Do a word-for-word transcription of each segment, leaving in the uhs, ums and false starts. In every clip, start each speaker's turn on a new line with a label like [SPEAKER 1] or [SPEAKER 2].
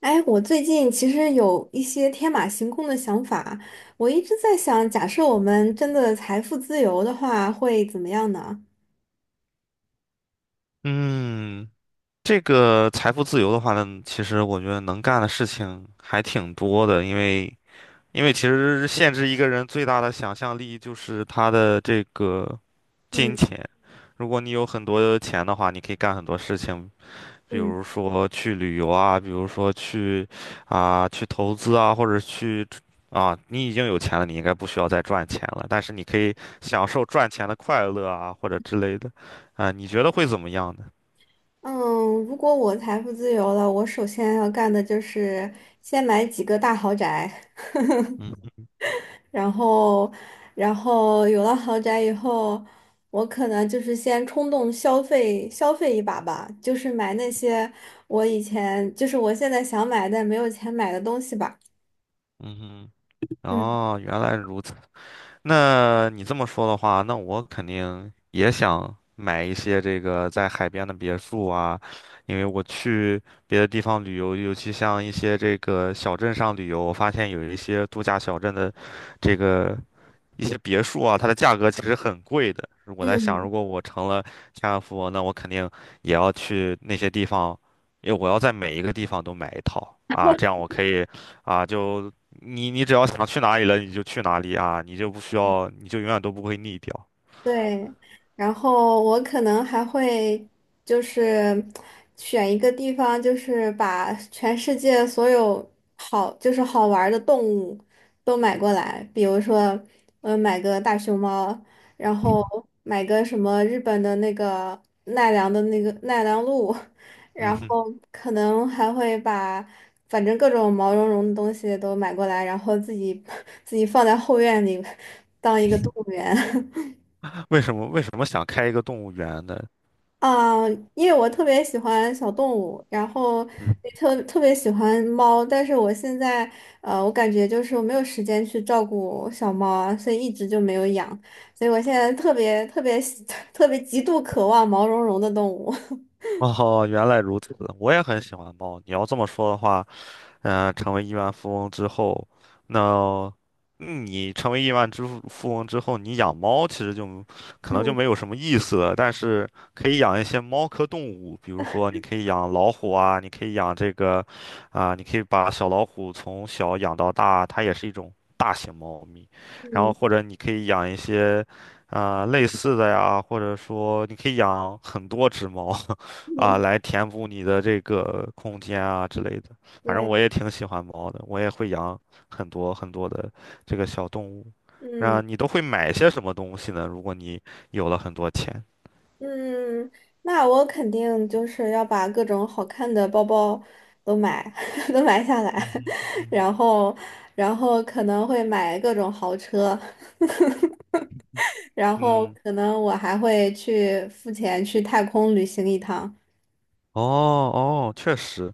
[SPEAKER 1] 哎，我最近其实有一些天马行空的想法，我一直在想，假设我们真的财富自由的话，会怎么样呢？
[SPEAKER 2] 嗯，这个财富自由的话呢，其实我觉得能干的事情还挺多的，因为因为其实限制一个人最大的想象力就是他的这个金
[SPEAKER 1] 嗯
[SPEAKER 2] 钱。如果你有很多钱的话，你可以干很多事情，比
[SPEAKER 1] 嗯
[SPEAKER 2] 如说去旅游啊，比如说去啊、去投资啊，或者去啊，你已经有钱了，你应该不需要再赚钱了，但是你可以享受赚钱的快乐啊，或者之类的，啊，你觉得会怎么样呢？
[SPEAKER 1] 嗯，如果我财富自由了，我首先要干的就是先买几个大豪宅，然后，然后有了豪宅以后，我可能就是先冲动消费消费一把吧，就是买那些我以前就是我现在想买但没有钱买的东西吧。
[SPEAKER 2] 嗯哼。
[SPEAKER 1] 嗯
[SPEAKER 2] 哦，原来如此。那你这么说的话，那我肯定也想买一些这个在海边的别墅啊，因为我去别的地方旅游，尤其像一些这个小镇上旅游，我发现有一些度假小镇的这个一些别墅啊，它的价格其实很贵的。我在想，
[SPEAKER 1] 嗯。
[SPEAKER 2] 如果我成了千万富翁，那我肯定也要去那些地方，因为我要在每一个地方都买一套啊，这样我可以啊，就你你只要想去哪里了，你就去哪里啊，你就不需要，你就永远都不会腻掉。
[SPEAKER 1] 对，然后我可能还会就是选一个地方，就是把全世界所有好就是好玩儿的动物都买过来，比如说，呃，买个大熊猫，然后买个什么日本的那个奈良的那个奈良鹿，
[SPEAKER 2] 嗯
[SPEAKER 1] 然
[SPEAKER 2] 哼，
[SPEAKER 1] 后可能还会把反正各种毛茸茸的东西都买过来，然后自己 自己放在后院里 当一个动物园。
[SPEAKER 2] 为什么为什么想开一个动物园呢？
[SPEAKER 1] 啊，因为我特别喜欢小动物，然后
[SPEAKER 2] 嗯，
[SPEAKER 1] 也特特别喜欢猫，但是我现在呃，我感觉就是我没有时间去照顾小猫啊，所以一直就没有养，所以我现在特别特别喜 特别极度渴望毛茸茸的动物。
[SPEAKER 2] 哦，原来如此，我也很喜欢猫。你要这么说的话，嗯，成为亿万富翁之后，那嗯你成为亿万之富富翁之后，你养猫其实就可能就没
[SPEAKER 1] 嗯
[SPEAKER 2] 有什么意思了，但是可以养一些猫科动物，比如说你可以养老虎啊，你可以养这个，啊、你可以把小老虎从小养到大，它也是一种大型猫咪，然后
[SPEAKER 1] 嗯
[SPEAKER 2] 或者你可以养一些。啊、类似的呀，或者说你可以养很多只猫，啊、
[SPEAKER 1] 嗯，
[SPEAKER 2] 来填补你的这个空间啊之类的。反正
[SPEAKER 1] 对，
[SPEAKER 2] 我也挺喜欢猫的，我也会养很多很多的这个小动物。那
[SPEAKER 1] 嗯
[SPEAKER 2] 你都会买些什么东西呢？如果你有了很多钱，
[SPEAKER 1] 嗯，那我肯定就是要把各种好看的包包都买 都买下来，然后然后可能会买各种豪车。然后
[SPEAKER 2] 嗯，
[SPEAKER 1] 可能我还会去付钱去太空旅行一趟。
[SPEAKER 2] 哦哦，确实，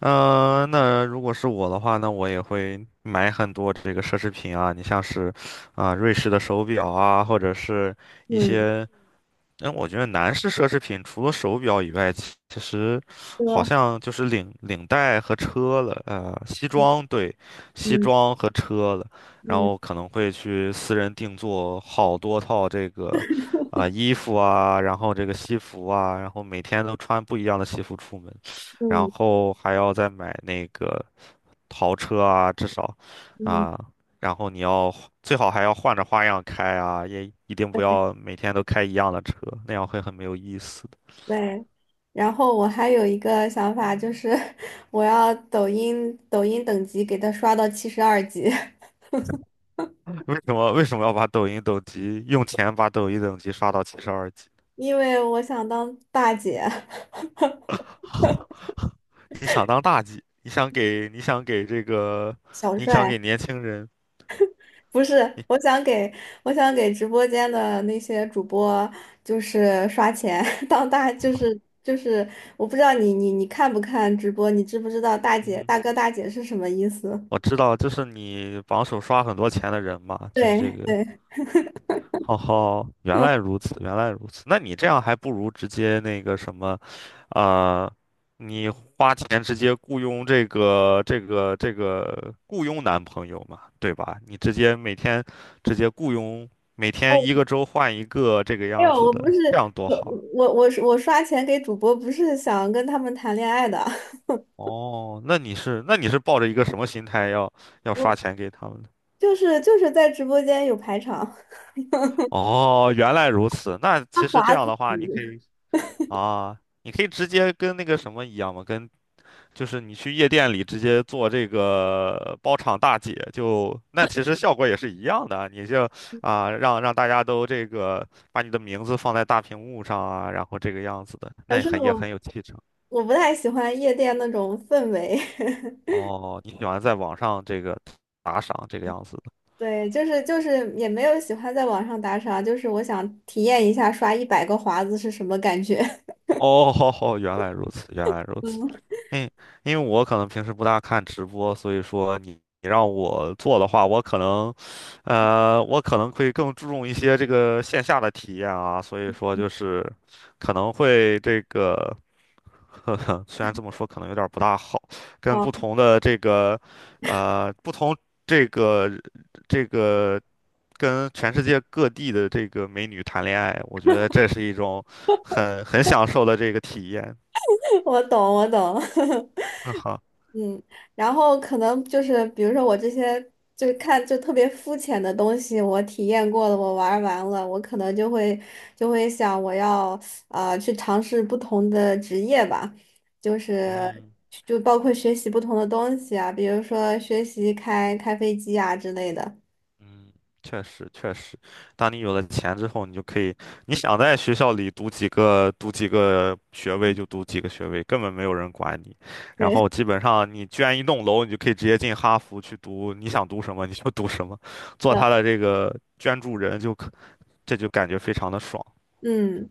[SPEAKER 2] 嗯、那如果是我的话，那我也会买很多这个奢侈品啊，你像是啊、瑞士的手表啊，或者是一
[SPEAKER 1] 嗯，
[SPEAKER 2] 些那我觉得男士奢侈品除了手表以外，其其实好
[SPEAKER 1] 哥，
[SPEAKER 2] 像就是领领带和车了，呃，西装，对，西
[SPEAKER 1] 嗯
[SPEAKER 2] 装和车了，然后
[SPEAKER 1] 嗯
[SPEAKER 2] 可能会去私人定做好多套这个，啊、衣服啊，然后这个西服啊，然后每天都穿不一样的西服出门，然
[SPEAKER 1] 嗯
[SPEAKER 2] 后还要再买那个呃豪车啊，至少，
[SPEAKER 1] 嗯，
[SPEAKER 2] 啊，然后你要最好还要换着花样开啊，也一定不要每天都开一样的车，那样会很没有意思的。
[SPEAKER 1] 对。然后我还有一个想法，就是 我要抖音抖音等级给他刷到七十二级，
[SPEAKER 2] 为什么为什么要把抖音等级用钱把抖音等级刷到七十二级？
[SPEAKER 1] 因为我想当大姐、
[SPEAKER 2] 你想当大 G,你想给你想给这个，
[SPEAKER 1] 小
[SPEAKER 2] 你想
[SPEAKER 1] 帅。
[SPEAKER 2] 给年轻人，
[SPEAKER 1] 不是，
[SPEAKER 2] 你
[SPEAKER 1] 我想给我想给直播间的那些主播，就是刷钱 当大，就是就是，我不知道你你你看不看直播，你知不知道大
[SPEAKER 2] 嗯
[SPEAKER 1] 姐
[SPEAKER 2] 哼，
[SPEAKER 1] 大哥大姐是什么意思？
[SPEAKER 2] 我知道，就是你榜首刷很多钱的人嘛，就是这
[SPEAKER 1] 对
[SPEAKER 2] 个
[SPEAKER 1] 对，
[SPEAKER 2] 哦吼，原来如此，原来如此。那你这样还不如直接那个什么，呃，你花钱直接雇佣这个这个这个雇佣男朋友嘛，对吧？你直接每天直接雇佣，每天
[SPEAKER 1] 哦，
[SPEAKER 2] 一个周换一个这个
[SPEAKER 1] 没
[SPEAKER 2] 样
[SPEAKER 1] 有，
[SPEAKER 2] 子
[SPEAKER 1] 我不
[SPEAKER 2] 的，
[SPEAKER 1] 是
[SPEAKER 2] 这样多
[SPEAKER 1] 我
[SPEAKER 2] 好啊。
[SPEAKER 1] 我我我刷钱给主播，不是想跟他们谈恋爱的，
[SPEAKER 2] 哦，那你是那你是抱着一个什么心态要要
[SPEAKER 1] 我
[SPEAKER 2] 刷钱给他们的？
[SPEAKER 1] 就是就是在直播间有排场，
[SPEAKER 2] 哦，原来如此。那
[SPEAKER 1] 他
[SPEAKER 2] 其实这
[SPEAKER 1] 划
[SPEAKER 2] 样
[SPEAKER 1] 自
[SPEAKER 2] 的
[SPEAKER 1] 己，
[SPEAKER 2] 话，你可以啊，你可以直接跟那个什么一样嘛，跟就是你去夜店里直接做这个包场大姐，就那其实效果也是一样的啊。你就啊、让让大家都这个把你的名字放在大屏幕上啊，然后这个样子的，那
[SPEAKER 1] 可
[SPEAKER 2] 也
[SPEAKER 1] 是
[SPEAKER 2] 很也很
[SPEAKER 1] 我
[SPEAKER 2] 有气场。
[SPEAKER 1] 我不太喜欢夜店那种氛围。
[SPEAKER 2] 哦，你喜欢在网上这个打赏这个样子。
[SPEAKER 1] 对，就是就是也没有喜欢在网上打赏，就是我想体验一下刷一百个华子是什么感觉。
[SPEAKER 2] 哦，好好，原来如此，原来如此。
[SPEAKER 1] 嗯，
[SPEAKER 2] 嗯，因为我可能平时不大看直播，所以说你你让我做的话，我可能，呃，我可能会更注重一些这个线下的体验啊，所以说就是可能会这个，呵呵，虽然这么说可能有点儿不大好，跟
[SPEAKER 1] 好，
[SPEAKER 2] 不同的这个，呃，不同这个这个。跟全世界各地的这个美女谈恋爱，我觉得这是一种很很享受的这个体验。
[SPEAKER 1] 我懂，我懂。
[SPEAKER 2] 那好，
[SPEAKER 1] 嗯，然后可能就是比如说我这些就是看就特别肤浅的东西，我体验过了，我玩儿完了，我可能就会就会想我要呃去尝试不同的职业吧，就是
[SPEAKER 2] 嗯
[SPEAKER 1] 就包括学习不同的东西啊，比如说学习开开飞机啊之类的。
[SPEAKER 2] 嗯，确实确实，当你有了钱之后，你就可以，你想在学校里读几个读几个学位就读几个学位，根本没有人管你。然
[SPEAKER 1] 对，是
[SPEAKER 2] 后基本上你捐一栋楼，你就可以直接进哈佛去读，你想读什么你就读什么，做
[SPEAKER 1] 的，
[SPEAKER 2] 他的这个捐助人就可，这就感觉非常的爽。
[SPEAKER 1] 嗯。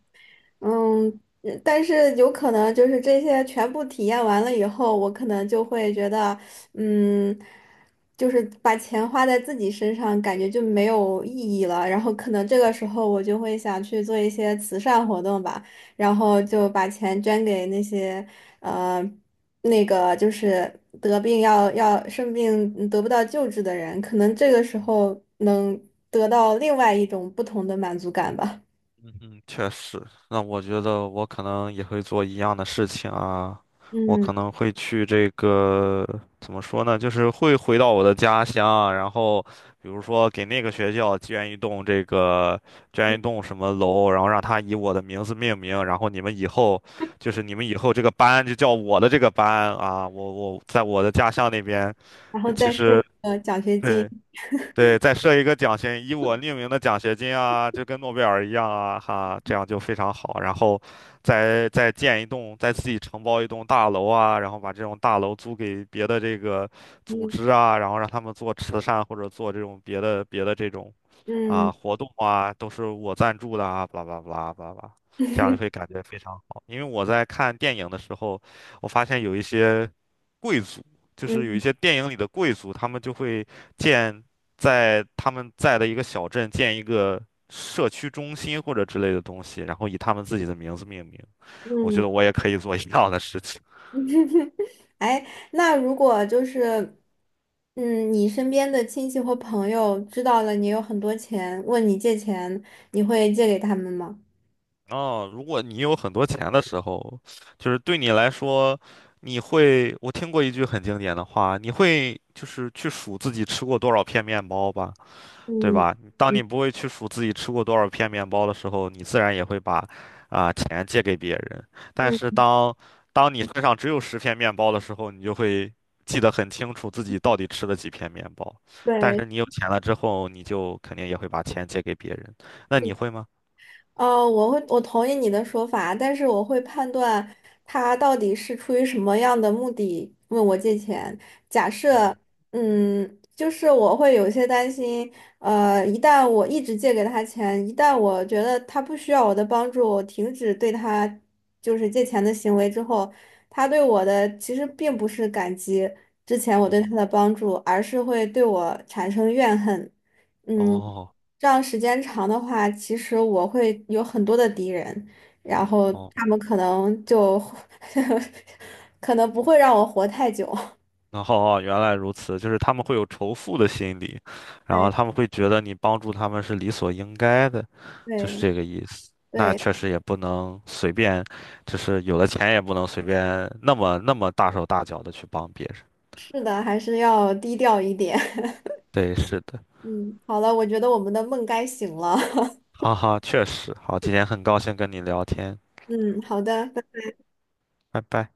[SPEAKER 1] 嗯，嗯但是有可能就是这些全部体验完了以后，我可能就会觉得，嗯，就是把钱花在自己身上，感觉就没有意义了。然后可能这个时候我就会想去做一些慈善活动吧，然后就把钱捐给那些，呃，那个就是得病要要生病得不到救治的人，可能这个时候能得到另外一种不同的满足感吧。
[SPEAKER 2] 嗯哼，确实。那我觉得我可能也会做一样的事情啊，我
[SPEAKER 1] 嗯。
[SPEAKER 2] 可能会去这个，怎么说呢，就是会回到我的家乡啊，然后比如说给那个学校捐一栋这个，捐一栋什么楼，然后让它以我的名字命名，然后你们以后就是你们以后这个班就叫我的这个班啊，我我在我的家乡那边，
[SPEAKER 1] 然后
[SPEAKER 2] 其
[SPEAKER 1] 再设
[SPEAKER 2] 实。
[SPEAKER 1] 一个奖学金。
[SPEAKER 2] 对。对，再设一个奖学，以我命名的奖学金啊，就跟诺贝尔一样啊，哈，这样就非常好。然后再，再建一栋，再自己承包一栋大楼啊，然后把这种大楼租给别的这个组
[SPEAKER 1] 嗯
[SPEAKER 2] 织啊，然后让他们做慈善或者做这种别的别的这种啊
[SPEAKER 1] 嗯
[SPEAKER 2] 活动啊，都是我赞助的啊，巴拉巴拉巴拉巴拉，这样就会 感觉非常好。因为我在看电影的时候，我发现有一些。贵就是有一
[SPEAKER 1] 嗯
[SPEAKER 2] 些电影里的贵族，他们就会建在他们在的一个小镇建一个社区中心或者之类的东西，然后以他们自己的名字命名。我觉
[SPEAKER 1] 嗯，
[SPEAKER 2] 得我也可以做一样的事情。
[SPEAKER 1] 哎，那如果就是，嗯，你身边的亲戚或朋友知道了你有很多钱，问你借钱，你会借给他们吗？
[SPEAKER 2] 哦，如果你有很多钱的时候，就是对你来说，你会，我听过一句很经典的话，你会就是去数自己吃过多少片面包吧？对
[SPEAKER 1] 嗯
[SPEAKER 2] 吧？当
[SPEAKER 1] 嗯
[SPEAKER 2] 你不会去数自己吃过多少片面包的时候，你自然也会把啊、钱借给别人。但是
[SPEAKER 1] 嗯，
[SPEAKER 2] 当当你身上只有十片面包的时候，你就会记得很清楚自己到底吃了几片面包。但是
[SPEAKER 1] 对。
[SPEAKER 2] 你有钱了之后，你就肯定也会把钱借给别人。那你会吗？
[SPEAKER 1] 哦，我会，我同意你的说法，但是我会判断他到底是出于什么样的目的问我借钱。假
[SPEAKER 2] 嗯
[SPEAKER 1] 设，
[SPEAKER 2] 哼，
[SPEAKER 1] 嗯，就是我会有些担心，呃，一旦我一直借给他钱，一旦我觉得他不需要我的帮助，我停止对他就是借钱的行为之后，他对我的其实并不是感激之前我
[SPEAKER 2] 嗯
[SPEAKER 1] 对他
[SPEAKER 2] 哼，
[SPEAKER 1] 的帮助，而是会对我产生怨恨。嗯。
[SPEAKER 2] 哦
[SPEAKER 1] 这样时间长的话，其实我会有很多的敌人，然后他
[SPEAKER 2] 哦。
[SPEAKER 1] 们可能就 可能不会让我活太久。
[SPEAKER 2] 然后哦，原来如此，就是他们会有仇富的心理，然后他
[SPEAKER 1] 对
[SPEAKER 2] 们会觉得你帮助他们是理所应该的，就是
[SPEAKER 1] 对
[SPEAKER 2] 这个意思。那
[SPEAKER 1] 对，
[SPEAKER 2] 确实也不能随便，就是有了钱也不能随便那么那么大手大脚的去帮别人。
[SPEAKER 1] 是的，还是要低调一点。
[SPEAKER 2] 对，是的，
[SPEAKER 1] 嗯，好了，我觉得我们的梦该醒了。
[SPEAKER 2] 哈哈，确实。好，今天很高兴跟你聊天，
[SPEAKER 1] 嗯，好的。
[SPEAKER 2] 拜拜。